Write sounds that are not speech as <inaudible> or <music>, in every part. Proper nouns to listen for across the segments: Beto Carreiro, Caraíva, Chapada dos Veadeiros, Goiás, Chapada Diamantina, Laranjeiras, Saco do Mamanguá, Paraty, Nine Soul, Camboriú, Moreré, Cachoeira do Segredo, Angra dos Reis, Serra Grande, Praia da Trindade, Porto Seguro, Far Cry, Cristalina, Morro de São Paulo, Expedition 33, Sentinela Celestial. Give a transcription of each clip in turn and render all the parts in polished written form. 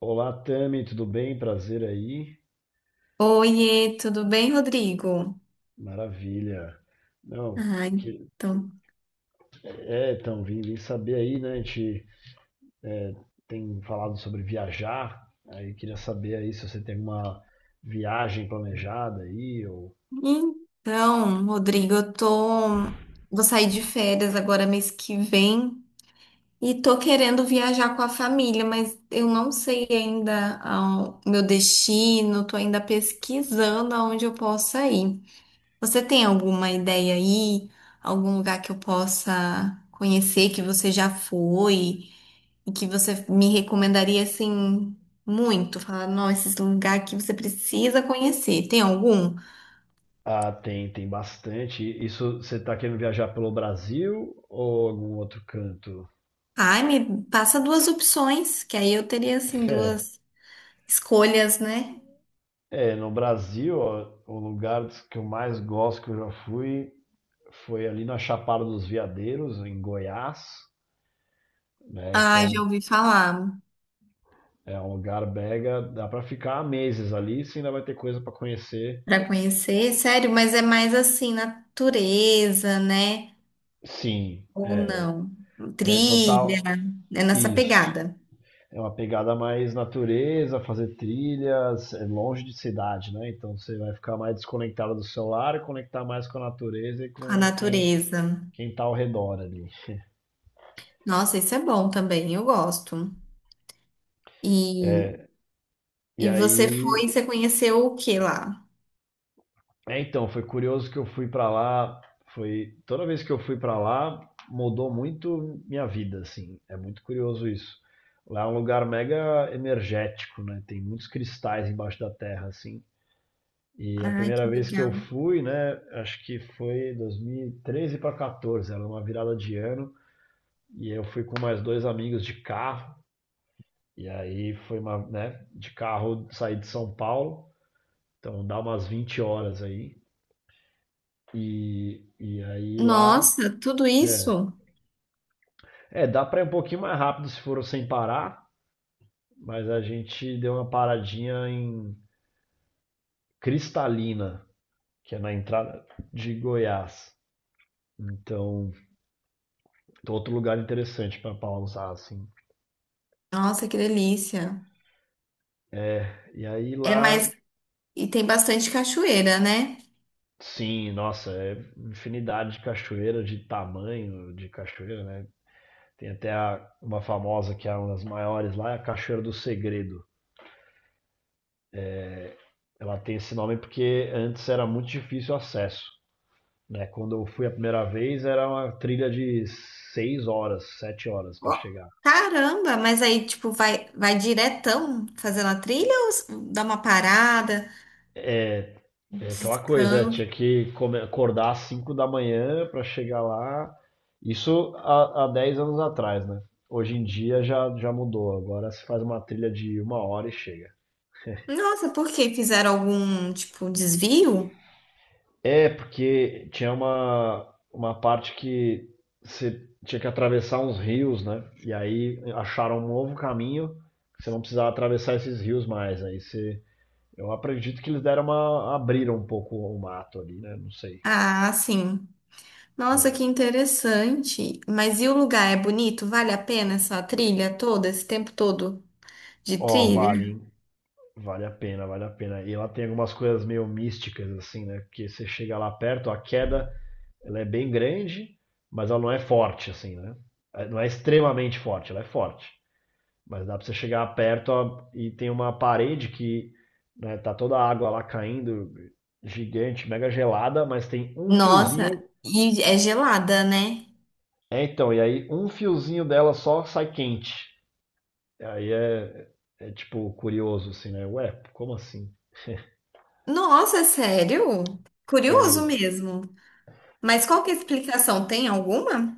Olá, Tami, tudo bem? Prazer aí. Oiê, tudo bem, Rodrigo? Maravilha. Não, Ah, que- então. Vim, saber aí, né? A gente é, tem falado sobre viajar, aí queria saber aí se você tem alguma viagem planejada aí, ou... Então, Rodrigo, eu tô. Vou sair de férias agora mês que vem e tô querendo viajar com a família, mas eu não sei ainda o meu destino, tô ainda pesquisando aonde eu possa ir. Você tem alguma ideia aí? Algum lugar que eu possa conhecer que você já foi? E que você me recomendaria assim muito? Falar, não, esse lugar aqui você precisa conhecer. Tem algum? Ah, tem, tem bastante. Isso, você está querendo viajar pelo Brasil ou algum outro canto? Ai, me passa duas opções, que aí eu teria assim É, duas escolhas, né? No Brasil, ó, o lugar que eu mais gosto que eu já fui foi ali na Chapada dos Veadeiros, em Goiás, né? Ah, já Então, ouvi falar é um lugar mega, dá para ficar meses ali, se ainda vai ter coisa para conhecer. para conhecer, sério, mas é mais assim, natureza, né? Sim, Ou não? é Trilha, total é nessa isso. pegada É uma pegada mais natureza, fazer trilhas, é longe de cidade, né? Então você vai ficar mais desconectado do celular e conectar mais com a natureza e com a com quem natureza. quem tá ao redor ali. Nossa, isso é bom também, eu gosto. E, E e você aí foi, você conheceu o que lá? é, então, foi curioso que eu fui pra lá, foi toda vez que eu fui pra lá, mudou muito minha vida, assim. É muito curioso isso. Lá é um lugar mega energético, né? Tem muitos cristais embaixo da terra, assim. E a Ai, primeira que vez que eu legal. fui, né, acho que foi 2013 para 14, era uma virada de ano, e eu fui com mais dois amigos de carro, e aí foi uma, né, de carro, saí de São Paulo, então dá umas 20 horas aí. E aí lá Nossa, tudo é, isso? é, dá para ir um pouquinho mais rápido se for sem parar, mas a gente deu uma paradinha em Cristalina, que é na entrada de Goiás. Então, outro lugar interessante pra pausar, assim. Nossa, que delícia. E aí É, lá, mas e tem bastante cachoeira, né? sim, nossa, é infinidade de cachoeira, de tamanho de cachoeira, né? Tem até uma famosa que é uma das maiores lá, é a Cachoeira do Segredo. Ela tem esse nome porque antes era muito difícil o acesso, né? Quando eu fui a primeira vez, era uma trilha de 6 horas, 7 horas para Ó, chegar. caramba, mas aí tipo vai diretão fazendo a trilha ou dá uma parada, É, é aquela coisa, é, descanso? Acordar às 5 da manhã para chegar lá. Isso há, há 10 anos atrás, né? Hoje em dia já, já mudou. Agora se faz uma trilha de uma hora e chega. Nossa, por quê? Fizeram algum tipo desvio? É, porque tinha uma parte que você tinha que atravessar uns rios, né? E aí acharam um novo caminho, que você não precisava atravessar esses rios mais. Aí você... Eu acredito que eles deram uma... abriram um pouco o mato ali, né? Não sei. Ah, sim. Nossa, que É. interessante. Mas e o lugar é bonito? Vale a pena essa trilha toda, esse tempo todo de Ó, vale, trilha? hein? Vale a pena, vale a pena. E ela tem algumas coisas meio místicas, assim, né? Porque você chega lá perto, a queda, ela é bem grande, mas ela não é forte, assim, né? É, não é extremamente forte, ela é forte. Mas dá pra você chegar perto, ó, e tem uma parede que, né, tá toda a água lá caindo, gigante, mega gelada, mas tem um Nossa, fiozinho. e é gelada, né? É, então, e aí um fiozinho dela só sai quente. Aí é, é tipo curioso assim, né? Ué, como assim? Nossa, é sério? Curioso É, mesmo. Mas qual que é a explicação? Tem alguma?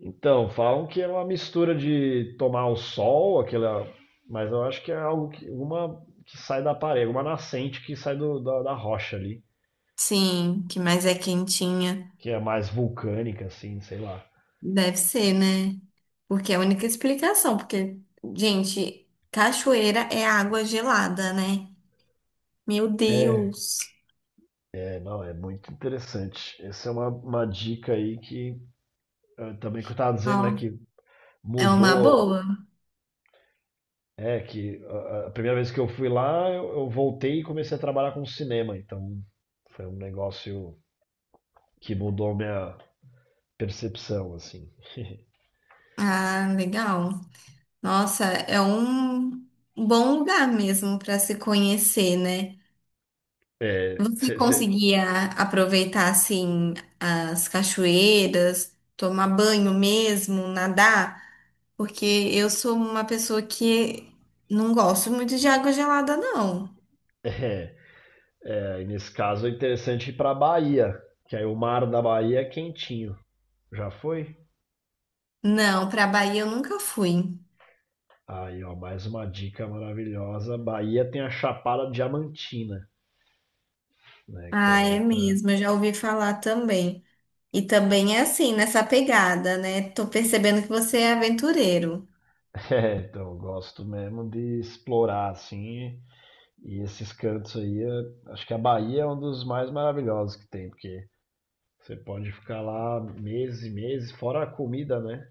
então, falam que é uma mistura de tomar o sol, aquela, mas eu acho que é algo que uma que sai da parede, uma nascente que sai da rocha ali, Sim, que mais é quentinha. que é mais vulcânica assim, sei lá. Deve ser, né? Porque é a única explicação, porque, gente, cachoeira é água gelada, né? Meu É, Deus. é, não, é muito interessante. Essa é uma dica aí que também que eu estava dizendo, né, Ó, que é uma mudou... boa. É que a primeira vez que eu fui lá, eu voltei e comecei a trabalhar com cinema, então foi um negócio que mudou minha percepção, assim. <laughs> Ah, legal. Nossa, é um bom lugar mesmo para se conhecer, né? É, Você cê- cê- conseguia aproveitar assim as cachoeiras, tomar banho mesmo, nadar? Porque eu sou uma pessoa que não gosto muito de água gelada, não. <laughs> é, é, e nesse caso é interessante ir pra Bahia, que aí o mar da Bahia é quentinho. Já foi? Não, para Bahia eu nunca fui. Aí, ó, mais uma dica maravilhosa. Bahia tem a Chapada Diamantina, né? Que Ah, é é outra. mesmo, eu já ouvi falar também. E também é assim, nessa pegada, né? Tô percebendo que você é aventureiro. <laughs> É, então, eu gosto mesmo de explorar, assim. E esses cantos aí, acho que a Bahia é um dos mais maravilhosos que tem, porque você pode ficar lá meses e meses, fora a comida, né?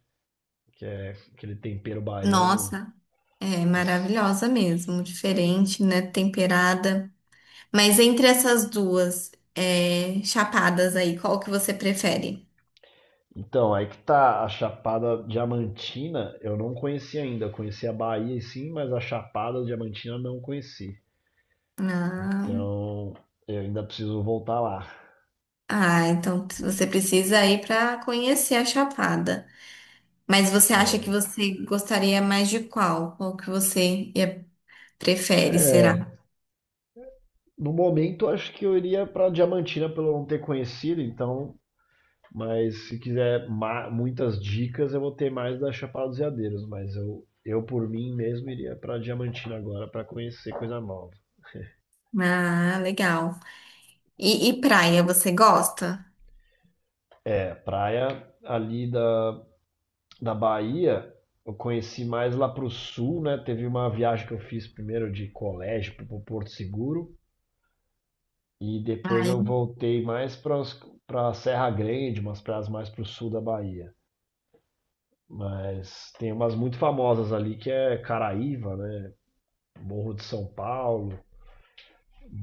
Que é aquele tempero baiano. Nossa, é As- maravilhosa mesmo, diferente, né? Temperada. Mas entre essas duas é, chapadas aí, qual que você prefere? Então, aí que tá a Chapada Diamantina, eu não conheci ainda. Eu conheci a Bahia sim, mas a Chapada Diamantina eu não conheci. Ah, Então, eu ainda preciso voltar lá. ah, então você precisa ir para conhecer a chapada. Mas você acha que você gostaria mais de qual? Prefere, será? É, no momento acho que eu iria pra Diamantina pelo não ter conhecido, então... Mas se quiser muitas dicas, eu vou ter mais da Chapada dos Veadeiros, mas eu por mim mesmo iria para Diamantina agora para conhecer coisa nova. Ah, legal. E praia, você gosta? É, praia ali da Bahia, eu conheci mais lá pro sul, né? Teve uma viagem que eu fiz primeiro de colégio pro Porto Seguro e depois Ai, eu voltei mais para Serra Grande, umas praias mais pro sul da Bahia. Mas tem umas muito famosas ali que é Caraíva, né? Morro de São Paulo.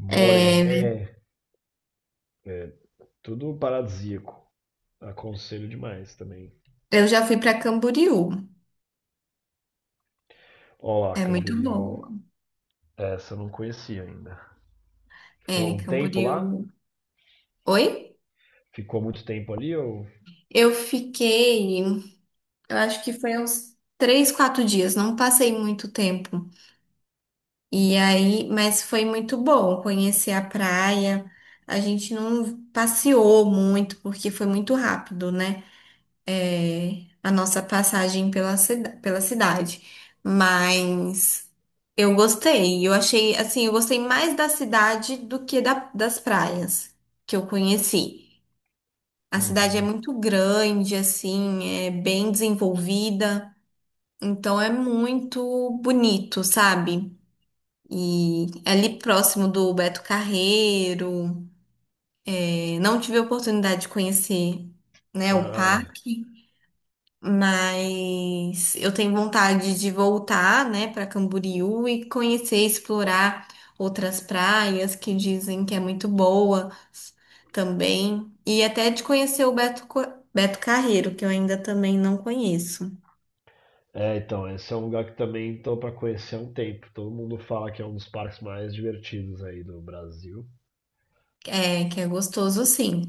Moreré. é, Tudo paradisíaco. Aconselho demais também. eu já fui para Camboriú. Ó lá, É muito Camboriú. boa. Essa eu não conhecia ainda. Ficou É, um tempo lá? Camboriú. Oi? Ficou muito tempo ali ou? Eu fiquei. Eu acho que foi uns três, quatro dias, não passei muito tempo. E aí, mas foi muito bom conhecer a praia. A gente não passeou muito porque foi muito rápido, né? É, a nossa passagem pela, pela cidade. Mas eu gostei. Eu achei, assim, eu gostei mais da cidade do que das praias que eu conheci. A cidade é Uhum. muito grande, assim, é bem desenvolvida. Então é muito bonito, sabe? E é ali próximo do Beto Carreiro. É, não tive a oportunidade de conhecer, né, o Ah, parque, mas eu tenho vontade de voltar, né, para Camboriú e conhecer, explorar outras praias que dizem que é muito boa também. E até de conhecer o Beto Carreiro, que eu ainda também não conheço. é, então, esse é um lugar que também tô para conhecer há um tempo. Todo mundo fala que é um dos parques mais divertidos aí do Brasil. É, que é gostoso, sim.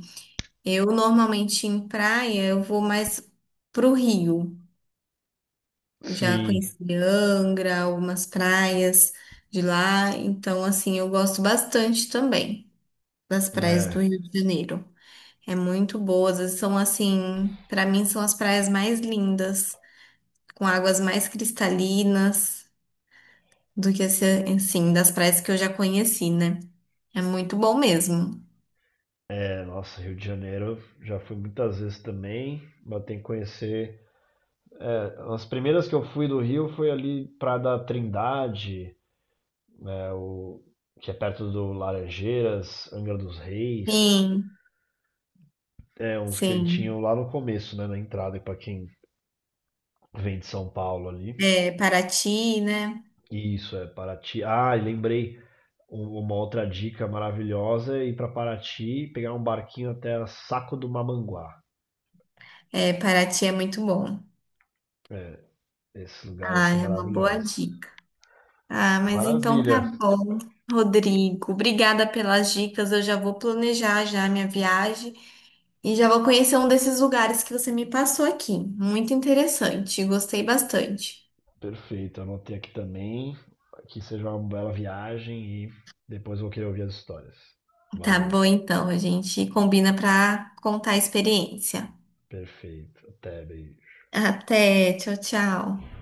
Eu normalmente em praia, eu vou mais pro Rio. Eu já Sim, conheci Angra, algumas praias de lá, então assim, eu gosto bastante também das praias do é. Rio de Janeiro. É muito boas, elas são assim, para mim são as praias mais lindas, com águas mais cristalinas do que esse, assim, das praias que eu já conheci, né? É muito bom mesmo. É, nossa, Rio de Janeiro, já fui muitas vezes também, mas tem que conhecer. É, as primeiras que eu fui do Rio foi ali Praia da Trindade, né, o, que é perto do Laranjeiras, Angra dos Reis, Sim, é uns sim. cantinhos lá no começo, né, na entrada, para quem vem de São Paulo ali. É, Paraty, né? Isso, é Paraty. Ah, e lembrei uma outra dica maravilhosa, é ir para Paraty, e pegar um barquinho até a Saco do Mamanguá. É, Paraty é muito bom. É, esses lugares Ah, são é uma boa maravilhosos. dica. Ah, mas então Maravilha, tá bom, Rodrigo. Obrigada pelas dicas. Eu já vou planejar já a minha viagem e já vou conhecer um desses lugares que você me passou aqui. Muito interessante, gostei bastante. perfeito. Anotei aqui também. Que seja uma bela viagem e depois vou querer ouvir as histórias. Tá Valeu. bom, então, a gente combina para contar a experiência. Perfeito. Até, beijo. Até, tchau, tchau.